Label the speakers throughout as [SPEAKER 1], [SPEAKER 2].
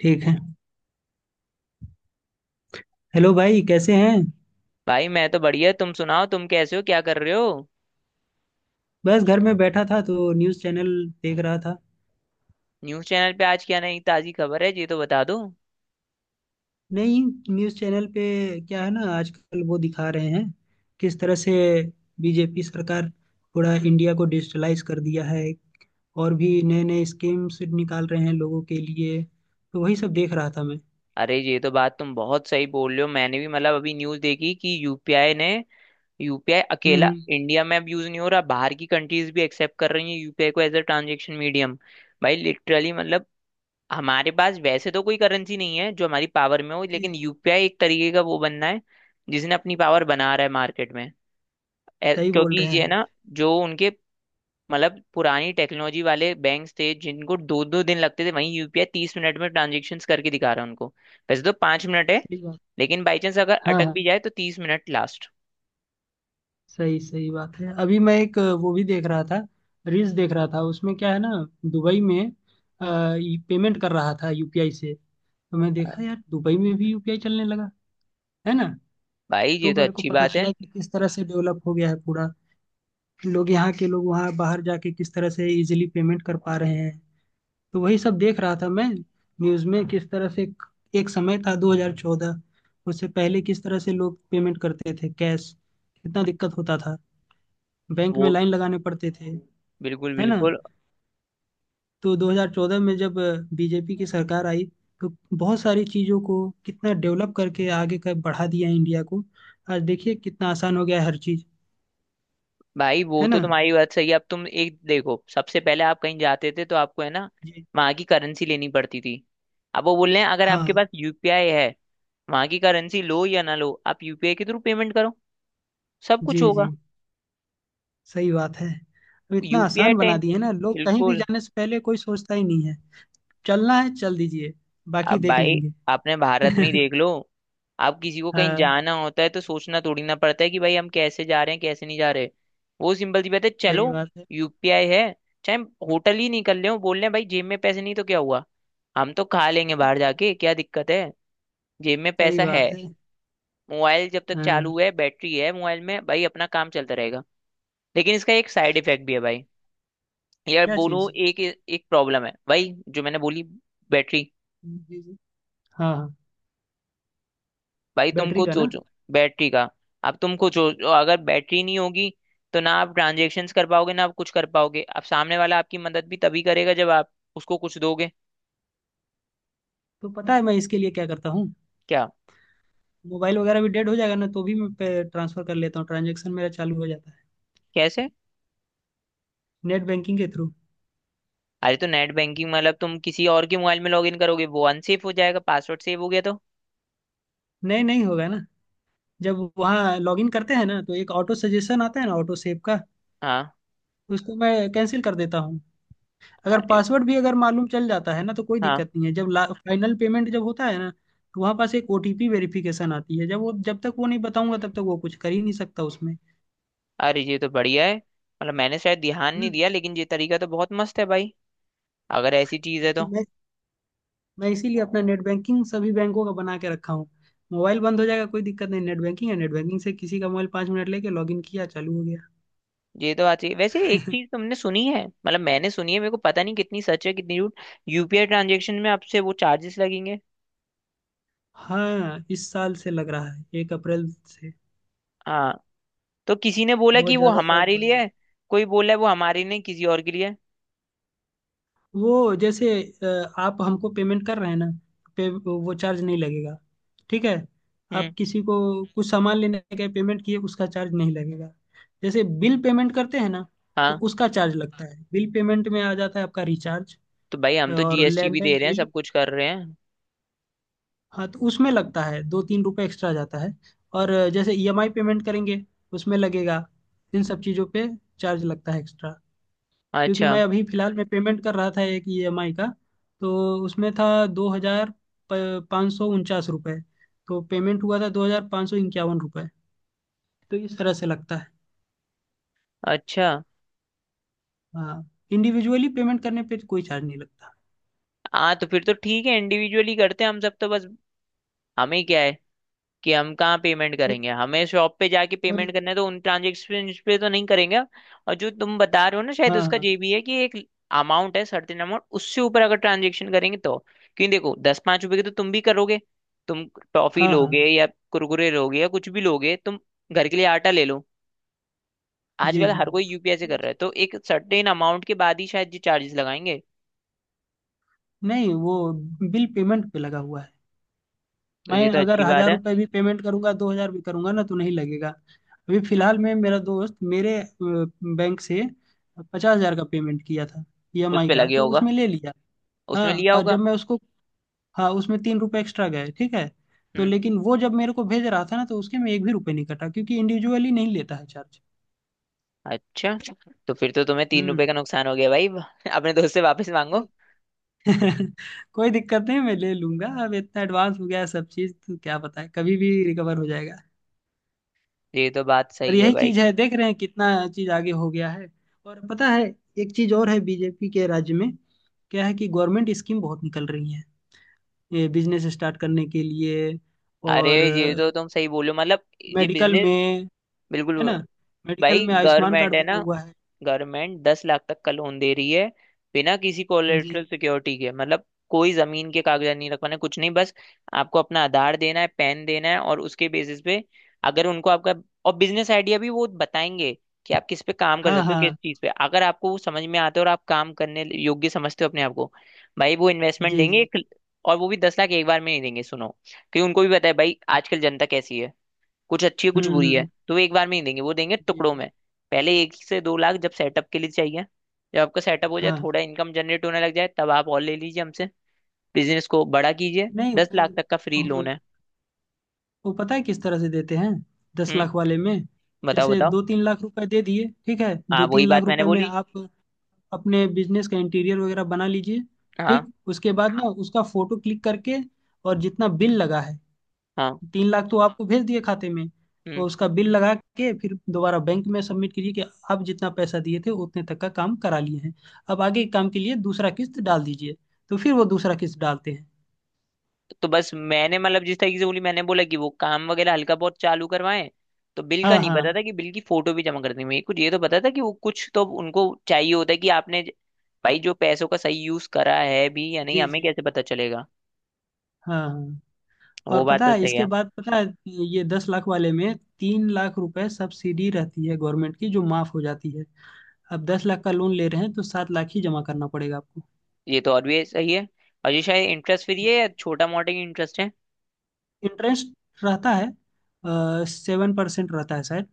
[SPEAKER 1] ठीक है। हेलो भाई, कैसे हैं?
[SPEAKER 2] भाई मैं तो बढ़िया। तुम सुनाओ, तुम कैसे हो, क्या कर रहे हो?
[SPEAKER 1] बस घर में बैठा था तो न्यूज़ चैनल देख रहा था।
[SPEAKER 2] न्यूज़ चैनल पे आज क्या नई ताजी खबर है ये तो बता दो।
[SPEAKER 1] नहीं, न्यूज़ चैनल पे क्या है ना, आजकल वो दिखा रहे हैं किस तरह से बीजेपी सरकार पूरा इंडिया को डिजिटलाइज कर दिया है। और भी नए नए स्कीम्स निकाल रहे हैं लोगों के लिए। तो वही सब
[SPEAKER 2] ये-
[SPEAKER 1] देख रहा था मैं।
[SPEAKER 2] अरे ये तो बात तुम बहुत सही बोल रहे हो। मैंने भी मतलब अभी न्यूज़ देखी कि यूपीआई
[SPEAKER 1] हम्म
[SPEAKER 2] अकेला
[SPEAKER 1] हम्म,
[SPEAKER 2] इंडिया में अब यूज नहीं हो रहा, बाहर की कंट्रीज भी एक्सेप्ट कर रही है यूपीआई को एज अ ट्रांजेक्शन मीडियम। भाई लिटरली मतलब हमारे पास वैसे तो कोई करेंसी नहीं है जो हमारी पावर में हो,
[SPEAKER 1] जी
[SPEAKER 2] लेकिन
[SPEAKER 1] जी,
[SPEAKER 2] यूपीआई एक तरीके का वो बनना है जिसने अपनी पावर बना रहा है मार्केट में।
[SPEAKER 1] सही बोल
[SPEAKER 2] क्योंकि
[SPEAKER 1] रहे
[SPEAKER 2] ये
[SPEAKER 1] हैं।
[SPEAKER 2] ना जो उनके मतलब पुरानी टेक्नोलॉजी वाले बैंक थे जिनको दो दो दिन लगते थे, वहीं यूपीआई 30 मिनट में ट्रांजेक्शन करके दिखा रहा है उनको। वैसे तो 5 मिनट है,
[SPEAKER 1] सही बात।
[SPEAKER 2] लेकिन बाई चांस अगर
[SPEAKER 1] हाँ
[SPEAKER 2] अटक
[SPEAKER 1] हाँ,
[SPEAKER 2] भी जाए तो 30 मिनट लास्ट।
[SPEAKER 1] सही सही बात है। अभी मैं एक वो भी देख रहा था, रील्स देख रहा था। उसमें क्या है ना, दुबई में पेमेंट कर रहा था यूपीआई से। तो मैं देखा यार दुबई में भी यूपीआई चलने लगा, है ना।
[SPEAKER 2] भाई ये
[SPEAKER 1] तो
[SPEAKER 2] तो
[SPEAKER 1] मेरे को
[SPEAKER 2] अच्छी
[SPEAKER 1] पता
[SPEAKER 2] बात है।
[SPEAKER 1] चला कि किस तरह से डेवलप हो गया है पूरा। लोग यहाँ के लोग वहाँ बाहर जाके किस तरह से इजिली पेमेंट कर पा रहे हैं। तो वही सब देख रहा था मैं। न्यूज़ में किस तरह से एक एक समय था 2014, उससे पहले किस तरह से लोग पेमेंट करते थे। कैश, कितना दिक्कत होता था, बैंक
[SPEAKER 2] वो
[SPEAKER 1] में लाइन लगाने पड़ते थे,
[SPEAKER 2] बिल्कुल
[SPEAKER 1] है ना।
[SPEAKER 2] बिल्कुल।
[SPEAKER 1] तो 2014 में जब बीजेपी की सरकार आई तो बहुत सारी चीज़ों को कितना डेवलप करके आगे का बढ़ा दिया इंडिया को। आज देखिए कितना आसान हो गया है हर चीज़,
[SPEAKER 2] भाई वो
[SPEAKER 1] है
[SPEAKER 2] तो
[SPEAKER 1] ना।
[SPEAKER 2] तुम्हारी बात सही है। अब तुम एक देखो, सबसे पहले आप कहीं जाते थे तो आपको है ना
[SPEAKER 1] जी।
[SPEAKER 2] वहां की करेंसी लेनी पड़ती थी। अब वो बोल रहे हैं अगर आपके
[SPEAKER 1] हाँ।
[SPEAKER 2] पास यूपीआई है, वहां की करेंसी लो या ना लो, आप यूपीआई के थ्रू पेमेंट करो, सब कुछ
[SPEAKER 1] जी जी,
[SPEAKER 2] होगा।
[SPEAKER 1] सही बात है। अब इतना
[SPEAKER 2] यूपीआई
[SPEAKER 1] आसान बना
[SPEAKER 2] टेन।
[SPEAKER 1] दिए है ना, लोग कहीं भी
[SPEAKER 2] बिल्कुल।
[SPEAKER 1] जाने से पहले कोई सोचता ही नहीं है। चलना है चल दीजिए, बाकी
[SPEAKER 2] अब
[SPEAKER 1] देख
[SPEAKER 2] भाई
[SPEAKER 1] लेंगे।
[SPEAKER 2] अपने भारत में ही देख लो, आप किसी को कहीं
[SPEAKER 1] हाँ,
[SPEAKER 2] जाना होता है तो सोचना थोड़ी ना पड़ता है कि भाई हम कैसे जा रहे हैं कैसे नहीं जा रहे। वो सिंपल सी बात है, चलो
[SPEAKER 1] सही बात है।
[SPEAKER 2] यूपीआई है। चाहे होटल ही नहीं कर ले, वो बोल रहे हैं भाई जेब में पैसे नहीं तो क्या हुआ, हम तो खा लेंगे बाहर जाके, क्या दिक्कत है, जेब में
[SPEAKER 1] सही
[SPEAKER 2] पैसा है।
[SPEAKER 1] बात है।
[SPEAKER 2] मोबाइल जब तक
[SPEAKER 1] हाँ हाँ।
[SPEAKER 2] चालू है, बैटरी है मोबाइल में, भाई अपना काम चलता रहेगा। लेकिन इसका एक साइड इफेक्ट भी है भाई। यार
[SPEAKER 1] क्या
[SPEAKER 2] बोलूं,
[SPEAKER 1] चीज़?
[SPEAKER 2] एक एक प्रॉब्लम है भाई जो मैंने बोली। बैटरी।
[SPEAKER 1] जी जी। हाँ हाँ।
[SPEAKER 2] भाई तुम
[SPEAKER 1] बैटरी
[SPEAKER 2] खुद
[SPEAKER 1] का ना।
[SPEAKER 2] सोचो। बैटरी का। अब तुम खुद सोचो, अगर बैटरी नहीं होगी तो ना आप ट्रांजेक्शन्स कर पाओगे, ना आप कुछ कर पाओगे। अब सामने वाला आपकी मदद भी तभी करेगा जब आप उसको कुछ दोगे।
[SPEAKER 1] तो पता है मैं इसके लिए क्या करता हूँ।
[SPEAKER 2] क्या?
[SPEAKER 1] मोबाइल वगैरह भी डेड हो जाएगा ना तो भी मैं ट्रांसफर कर लेता हूँ, ट्रांजेक्शन मेरा चालू हो जाता है।
[SPEAKER 2] कैसे?
[SPEAKER 1] नेट बैंकिंग के थ्रू।
[SPEAKER 2] अरे तो नेट बैंकिंग मतलब तुम किसी और के मोबाइल में लॉगिन करोगे, वो अनसेफ हो जाएगा, पासवर्ड सेव हो गया तो?
[SPEAKER 1] नहीं नहीं होगा ना, जब वहाँ लॉगिन करते हैं ना तो एक ऑटो सजेशन आता है ना, ऑटो सेव का,
[SPEAKER 2] हाँ।
[SPEAKER 1] उसको मैं कैंसिल कर देता हूँ। अगर
[SPEAKER 2] अरे
[SPEAKER 1] पासवर्ड भी अगर मालूम चल जाता है ना तो कोई
[SPEAKER 2] हाँ।
[SPEAKER 1] दिक्कत नहीं है। जब फाइनल पेमेंट जब होता है ना तो वहाँ पास एक ओटीपी वेरिफिकेशन आती है। जब वो जब तक वो नहीं बताऊंगा तब तक वो कुछ कर ही नहीं सकता उसमें।
[SPEAKER 2] अरे ये तो बढ़िया है, मतलब मैंने शायद ध्यान नहीं
[SPEAKER 1] हम्म।
[SPEAKER 2] दिया लेकिन ये तरीका तो बहुत मस्त है भाई, अगर ऐसी चीज है तो।
[SPEAKER 1] मैं मैं इसीलिए अपना नेट बैंकिंग सभी बैंकों का बना के रखा हूँ। मोबाइल बंद हो जाएगा कोई दिक्कत नहीं, नेट बैंकिंग है। नेट बैंकिंग से किसी का मोबाइल 5 मिनट लेके लॉगिन किया, चालू हो गया।
[SPEAKER 2] ये तो बात सही है। वैसे एक चीज तुमने सुनी है, मतलब मैंने सुनी है, मेरे को पता नहीं कितनी सच है कितनी झूठ, यूपीआई ट्रांजेक्शन में आपसे वो चार्जेस लगेंगे।
[SPEAKER 1] हाँ, इस साल से लग रहा है 1 अप्रैल से।
[SPEAKER 2] हाँ, तो किसी ने बोला
[SPEAKER 1] बहुत
[SPEAKER 2] कि वो
[SPEAKER 1] ज़्यादा चार्ज
[SPEAKER 2] हमारे
[SPEAKER 1] बढ़
[SPEAKER 2] लिए
[SPEAKER 1] गया।
[SPEAKER 2] है, कोई बोला है वो हमारे लिए नहीं, किसी और के लिए है।
[SPEAKER 1] वो जैसे आप हमको पेमेंट कर रहे हैं ना पे वो चार्ज नहीं लगेगा। ठीक है। आप
[SPEAKER 2] हम्म।
[SPEAKER 1] किसी को कुछ सामान लेने के पेमेंट किए उसका चार्ज नहीं लगेगा। जैसे बिल पेमेंट करते हैं ना तो
[SPEAKER 2] हाँ
[SPEAKER 1] उसका चार्ज लगता है। बिल पेमेंट में आ जाता है आपका रिचार्ज
[SPEAKER 2] तो भाई हम तो
[SPEAKER 1] और
[SPEAKER 2] जीएसटी भी
[SPEAKER 1] लैंडलाइन
[SPEAKER 2] दे रहे हैं,
[SPEAKER 1] बिल।
[SPEAKER 2] सब कुछ कर रहे हैं।
[SPEAKER 1] हाँ, तो उसमें लगता है दो तीन रुपए एक्स्ट्रा जाता है। और जैसे ईएमआई पेमेंट करेंगे उसमें लगेगा। इन सब चीज़ों पे चार्ज लगता है एक्स्ट्रा। क्योंकि
[SPEAKER 2] अच्छा।
[SPEAKER 1] मैं अभी फिलहाल में पेमेंट कर रहा था एक ईएमआई का, तो उसमें था 2,549 रुपये, तो पेमेंट हुआ था 2,551 रुपये। तो इस तरह से लगता है।
[SPEAKER 2] अच्छा।
[SPEAKER 1] हाँ, इंडिविजुअली पेमेंट करने पे कोई चार्ज नहीं लगता।
[SPEAKER 2] हाँ तो फिर तो ठीक है, इंडिविजुअली करते हैं हम सब तो बस। हमें क्या है कि हम कहाँ पेमेंट
[SPEAKER 1] और,
[SPEAKER 2] करेंगे, हमें शॉप पे जाके
[SPEAKER 1] और
[SPEAKER 2] पेमेंट करना है, तो उन ट्रांजेक्शन पे तो नहीं करेंगे। और जो तुम बता रहे हो ना, शायद
[SPEAKER 1] हाँ
[SPEAKER 2] उसका
[SPEAKER 1] हाँ।
[SPEAKER 2] ये भी है कि एक अमाउंट है, सर्टेन अमाउंट, उससे ऊपर अगर ट्रांजेक्शन करेंगे तो। क्योंकि देखो, दस पाँच रुपए की तो तुम भी करोगे, तुम टॉफी
[SPEAKER 1] हाँ हाँ।
[SPEAKER 2] लोगे या कुरकुरे लोगे या कुछ भी लोगे तुम, घर के लिए आटा ले लो।
[SPEAKER 1] जी
[SPEAKER 2] आजकल
[SPEAKER 1] जी।
[SPEAKER 2] हर कोई यूपीआई से कर रहा है, तो एक सर्टेन अमाउंट के बाद ही शायद ये चार्जेस लगाएंगे।
[SPEAKER 1] नहीं, वो बिल पेमेंट पे लगा हुआ है।
[SPEAKER 2] तो ये
[SPEAKER 1] मैं
[SPEAKER 2] तो
[SPEAKER 1] अगर
[SPEAKER 2] अच्छी बात
[SPEAKER 1] हजार
[SPEAKER 2] है।
[SPEAKER 1] रुपये भी पेमेंट करूंगा 2,000 भी करूंगा ना तो नहीं लगेगा। अभी फिलहाल में मेरा दोस्त मेरे बैंक से 50,000 का पेमेंट किया था
[SPEAKER 2] उस
[SPEAKER 1] ईएमआई
[SPEAKER 2] पे
[SPEAKER 1] का,
[SPEAKER 2] लगे
[SPEAKER 1] तो
[SPEAKER 2] होगा।
[SPEAKER 1] उसमें ले लिया।
[SPEAKER 2] उसमें
[SPEAKER 1] हाँ,
[SPEAKER 2] लिया
[SPEAKER 1] और
[SPEAKER 2] होगा।
[SPEAKER 1] जब मैं उसको, हाँ, उसमें 3 रुपये एक्स्ट्रा गए, ठीक है। तो लेकिन वो जब मेरे को भेज रहा था ना तो उसके में एक भी रुपये नहीं कटा क्योंकि इंडिविजुअली नहीं लेता है चार्ज।
[SPEAKER 2] अच्छा, तो फिर तो तुम्हें तीन
[SPEAKER 1] हम्म।
[SPEAKER 2] रुपए का नुकसान हो गया भाई अपने दोस्त से वापस मांगो।
[SPEAKER 1] अरे। कोई दिक्कत नहीं, मैं ले लूंगा। अब इतना एडवांस हो गया है सब चीज, तो क्या पता है कभी भी रिकवर हो जाएगा।
[SPEAKER 2] ये तो बात
[SPEAKER 1] और
[SPEAKER 2] सही है
[SPEAKER 1] यही
[SPEAKER 2] भाई।
[SPEAKER 1] चीज है, देख रहे हैं कितना चीज आगे हो गया है। और पता है, एक चीज और है बीजेपी के राज्य में। क्या है कि गवर्नमेंट स्कीम बहुत निकल रही है ये बिजनेस स्टार्ट करने के लिए।
[SPEAKER 2] अरे
[SPEAKER 1] और
[SPEAKER 2] ये तो तुम सही बोलो मतलब, ये
[SPEAKER 1] मेडिकल
[SPEAKER 2] बिजनेस,
[SPEAKER 1] में,
[SPEAKER 2] बिल्कुल।
[SPEAKER 1] है ना, मेडिकल
[SPEAKER 2] भाई
[SPEAKER 1] में आयुष्मान
[SPEAKER 2] गवर्नमेंट
[SPEAKER 1] कार्ड
[SPEAKER 2] है
[SPEAKER 1] बना
[SPEAKER 2] ना,
[SPEAKER 1] हुआ है।
[SPEAKER 2] गवर्नमेंट 10 लाख तक का लोन दे रही है बिना किसी
[SPEAKER 1] जी।
[SPEAKER 2] कोलेटरल सिक्योरिटी के। मतलब कोई जमीन के कागजात नहीं रखवाने, कुछ नहीं, बस आपको अपना आधार देना है, पैन देना है, और उसके बेसिस पे अगर उनको आपका, और बिजनेस आइडिया भी वो बताएंगे कि आप किस पे काम कर
[SPEAKER 1] हाँ
[SPEAKER 2] सकते हो, किस
[SPEAKER 1] हाँ।
[SPEAKER 2] चीज पे। अगर आपको वो समझ में आता है और आप काम करने योग्य समझते हो अपने आप को, भाई वो इन्वेस्टमेंट
[SPEAKER 1] जी
[SPEAKER 2] देंगे
[SPEAKER 1] जी।
[SPEAKER 2] एक। और वो भी 10 लाख एक बार में नहीं देंगे, सुनो। क्योंकि उनको भी पता है भाई, आजकल जनता कैसी है, कुछ अच्छी है कुछ बुरी है,
[SPEAKER 1] हम्म।
[SPEAKER 2] तो वो एक बार में नहीं देंगे, वो देंगे
[SPEAKER 1] जी
[SPEAKER 2] टुकड़ों
[SPEAKER 1] जी।
[SPEAKER 2] में। पहले एक से 2 लाख जब सेटअप के लिए चाहिए। जब आपका सेटअप हो जाए,
[SPEAKER 1] हाँ।
[SPEAKER 2] थोड़ा इनकम जनरेट होने लग जाए, तब आप और ले लीजिए हमसे, बिजनेस को बड़ा कीजिए।
[SPEAKER 1] नहीं,
[SPEAKER 2] दस लाख तक का फ्री लोन
[SPEAKER 1] वो-
[SPEAKER 2] है।
[SPEAKER 1] वो पता है किस तरह से देते हैं दस
[SPEAKER 2] हम्म।
[SPEAKER 1] लाख वाले में।
[SPEAKER 2] बताओ
[SPEAKER 1] जैसे
[SPEAKER 2] बताओ।
[SPEAKER 1] दो तीन लाख रुपए दे दिए, ठीक है,
[SPEAKER 2] हाँ
[SPEAKER 1] दो तीन
[SPEAKER 2] वही
[SPEAKER 1] लाख
[SPEAKER 2] बात मैंने
[SPEAKER 1] रुपए में
[SPEAKER 2] बोली।
[SPEAKER 1] आप अपने बिजनेस का इंटीरियर वगैरह बना लीजिए।
[SPEAKER 2] हाँ।
[SPEAKER 1] ठीक, उसके बाद ना उसका फोटो क्लिक करके और जितना बिल लगा है,
[SPEAKER 2] हाँ।
[SPEAKER 1] 3 लाख तो आपको भेज दिए खाते में,
[SPEAKER 2] हम्म।
[SPEAKER 1] और उसका बिल लगा के फिर दोबारा बैंक में सबमिट कीजिए कि आप जितना पैसा दिए थे उतने तक का काम करा लिए हैं। अब आगे के काम के लिए दूसरा किस्त डाल दीजिए, तो फिर वो दूसरा किस्त डालते हैं।
[SPEAKER 2] तो बस मैंने मतलब जिस तरीके से बोली, मैंने बोला कि वो काम वगैरह हल्का बहुत चालू करवाएं। तो बिल का
[SPEAKER 1] हाँ
[SPEAKER 2] नहीं
[SPEAKER 1] हाँ।
[SPEAKER 2] पता था कि बिल की फोटो भी जमा करनी है। मेरे कुछ ये तो पता था कि वो कुछ तो उनको चाहिए होता है कि आपने भाई जो पैसों का सही यूज करा है भी या नहीं,
[SPEAKER 1] जी
[SPEAKER 2] हमें
[SPEAKER 1] जी।
[SPEAKER 2] कैसे पता चलेगा।
[SPEAKER 1] हाँ हाँ।
[SPEAKER 2] वो
[SPEAKER 1] और
[SPEAKER 2] बात
[SPEAKER 1] पता
[SPEAKER 2] तो
[SPEAKER 1] है
[SPEAKER 2] सही
[SPEAKER 1] इसके
[SPEAKER 2] है।
[SPEAKER 1] बाद, पता है, ये 10 लाख वाले में 3 लाख रुपए सब्सिडी रहती है गवर्नमेंट की जो माफ हो जाती है। अब 10 लाख का लोन ले रहे हैं तो 7 लाख ही जमा करना पड़ेगा आपको।
[SPEAKER 2] ये तो और भी सही है। और ये शायद इंटरेस्ट, फिर ये छोटा मोटा ही इंटरेस्ट है।
[SPEAKER 1] इंटरेस्ट रहता है, 7% रहता है शायद।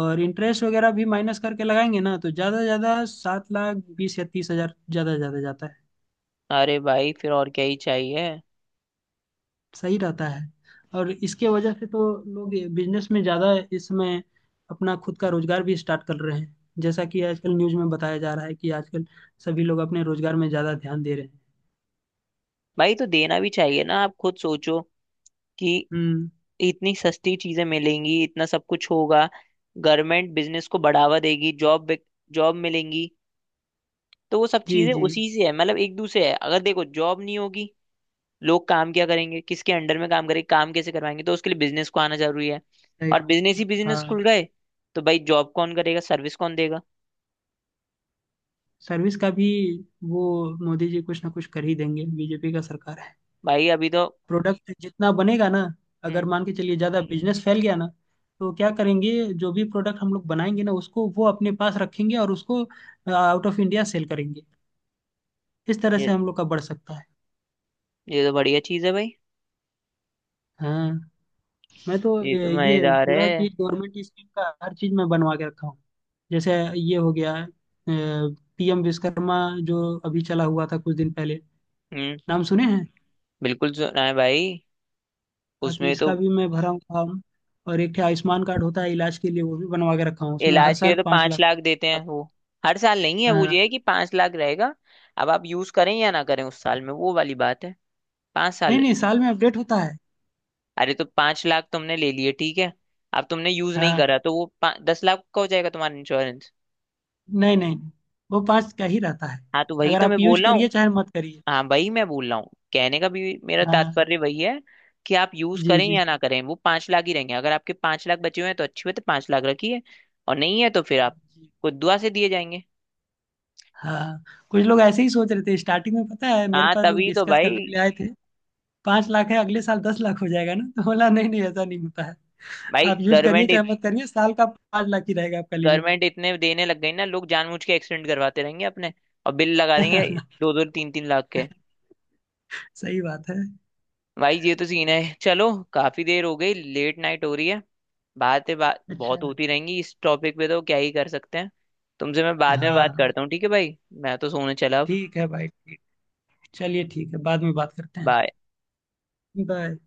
[SPEAKER 1] और इंटरेस्ट वगैरह भी माइनस करके लगाएंगे ना तो ज़्यादा से ज़्यादा 7 लाख 20 या 30 हज़ार ज़्यादा ज़्यादा जाता है।
[SPEAKER 2] अरे भाई फिर और क्या ही चाहिए।
[SPEAKER 1] सही रहता है। और इसके वजह से तो लोग बिजनेस में ज़्यादा इस समय अपना खुद का रोजगार भी स्टार्ट कर रहे हैं। जैसा कि आजकल न्यूज में बताया जा रहा है कि आजकल सभी लोग अपने रोजगार में ज़्यादा ध्यान दे रहे हैं।
[SPEAKER 2] भाई तो देना भी चाहिए ना, आप खुद सोचो कि
[SPEAKER 1] हम्म।
[SPEAKER 2] इतनी सस्ती चीजें मिलेंगी, इतना सब कुछ होगा, गवर्नमेंट बिजनेस को बढ़ावा देगी, जॉब जॉब मिलेंगी। तो वो सब
[SPEAKER 1] जी
[SPEAKER 2] चीजें
[SPEAKER 1] जी।
[SPEAKER 2] उसी से है, मतलब एक दूसरे है। अगर देखो जॉब नहीं होगी, लोग काम क्या करेंगे, किसके अंडर में काम करेंगे, काम कैसे करवाएंगे, तो उसके लिए बिजनेस को आना जरूरी है।
[SPEAKER 1] सही
[SPEAKER 2] और
[SPEAKER 1] बात।
[SPEAKER 2] बिजनेस ही बिजनेस
[SPEAKER 1] हाँ,
[SPEAKER 2] खुल गए, तो भाई जॉब कौन करेगा, सर्विस कौन देगा?
[SPEAKER 1] सर्विस का भी वो मोदी जी कुछ ना कुछ कर ही देंगे, बीजेपी का सरकार है।
[SPEAKER 2] भाई अभी तो
[SPEAKER 1] प्रोडक्ट जितना बनेगा ना, अगर
[SPEAKER 2] हम्म,
[SPEAKER 1] मान के चलिए ज़्यादा बिजनेस फैल गया ना, तो क्या करेंगे, जो भी प्रोडक्ट हम लोग बनाएंगे ना उसको वो अपने पास रखेंगे और उसको आउट ऑफ इंडिया सेल करेंगे। इस तरह
[SPEAKER 2] ये
[SPEAKER 1] से हम लोग का बढ़ सकता है।
[SPEAKER 2] ये तो बढ़िया चीज है भाई।
[SPEAKER 1] हाँ, मैं तो
[SPEAKER 2] ये तो
[SPEAKER 1] ये
[SPEAKER 2] मजेदार है।
[SPEAKER 1] पूरा चीज गवर्नमेंट स्कीम का हर चीज मैं बनवा के रखा हूँ। जैसे ये हो गया पीएम विश्वकर्मा, जो अभी चला हुआ था कुछ दिन पहले,
[SPEAKER 2] हम्म।
[SPEAKER 1] नाम सुने हैं।
[SPEAKER 2] बिल्कुल सुना है भाई।
[SPEAKER 1] हाँ, तो
[SPEAKER 2] उसमें तो
[SPEAKER 1] इसका भी मैं भरा हूँ फॉर्म। और एक ठे आयुष्मान कार्ड होता है इलाज के लिए, वो भी बनवा के रखा हूँ। उसमें हर
[SPEAKER 2] इलाज के
[SPEAKER 1] साल
[SPEAKER 2] लिए तो
[SPEAKER 1] पाँच
[SPEAKER 2] पांच
[SPEAKER 1] लाख
[SPEAKER 2] लाख देते
[SPEAKER 1] रुपए
[SPEAKER 2] हैं
[SPEAKER 1] आता
[SPEAKER 2] वो। हर साल नहीं है
[SPEAKER 1] है।
[SPEAKER 2] वो, ये
[SPEAKER 1] हाँ,
[SPEAKER 2] है कि 5 लाख रहेगा। अब आप यूज करें या ना करें उस साल में, वो वाली बात है। पांच
[SPEAKER 1] नहीं
[SPEAKER 2] साल
[SPEAKER 1] नहीं, साल में अपडेट होता है।
[SPEAKER 2] अरे तो 5 लाख तुमने ले लिए ठीक है, अब तुमने यूज नहीं
[SPEAKER 1] हाँ,
[SPEAKER 2] करा तो वो 10 लाख का हो जाएगा तुम्हारा इंश्योरेंस।
[SPEAKER 1] नहीं नहीं, वो पाँच का ही रहता है।
[SPEAKER 2] हाँ तो वही
[SPEAKER 1] अगर
[SPEAKER 2] तो मैं
[SPEAKER 1] आप यूज
[SPEAKER 2] बोल रहा हूँ।
[SPEAKER 1] करिए चाहे मत करिए।
[SPEAKER 2] हाँ वही मैं बोल रहा हूँ, कहने का भी मेरा
[SPEAKER 1] हाँ।
[SPEAKER 2] तात्पर्य वही है कि आप यूज
[SPEAKER 1] जी
[SPEAKER 2] करें
[SPEAKER 1] जी।
[SPEAKER 2] या ना करें, वो 5 लाख ही रहेंगे। अगर आपके 5 लाख बचे हुए हैं तो अच्छी बात है, 5 लाख रखिए। और नहीं है तो फिर आप
[SPEAKER 1] जी।
[SPEAKER 2] को दुआ से दिए जाएंगे।
[SPEAKER 1] हाँ। कुछ लोग ऐसे ही सोच रहे थे स्टार्टिंग में, पता है मेरे
[SPEAKER 2] हाँ
[SPEAKER 1] पास लोग
[SPEAKER 2] तभी तो
[SPEAKER 1] डिस्कस
[SPEAKER 2] भाई।
[SPEAKER 1] करने के लिए आए थे, 5 लाख है अगले साल 10 लाख हो जाएगा ना, तो बोला नहीं नहीं ऐसा नहीं होता है।
[SPEAKER 2] भाई
[SPEAKER 1] आप यूज करिए चाहे
[SPEAKER 2] गवर्नमेंट
[SPEAKER 1] मत करिए, साल का 5 लाख ही रहेगा आपका लिमिट।
[SPEAKER 2] गवर्नमेंट इतने देने लग गई ना, लोग जानबूझ के एक्सीडेंट करवाते रहेंगे अपने और बिल लगा देंगे दो दो तीन तीन लाख के।
[SPEAKER 1] सही बात है।
[SPEAKER 2] भाई ये तो सीन है, चलो काफी देर हो गई, लेट नाइट हो रही है। बातें बात
[SPEAKER 1] अच्छा।
[SPEAKER 2] बहुत होती रहेंगी इस टॉपिक पे, तो क्या ही कर सकते हैं। तुमसे मैं बाद में
[SPEAKER 1] हाँ
[SPEAKER 2] बात
[SPEAKER 1] हाँ,
[SPEAKER 2] करता हूँ, ठीक है भाई, मैं तो सोने चला अब।
[SPEAKER 1] ठीक है भाई, ठीक, चलिए ठीक है, बाद में बात करते हैं।
[SPEAKER 2] Bye.
[SPEAKER 1] बाय।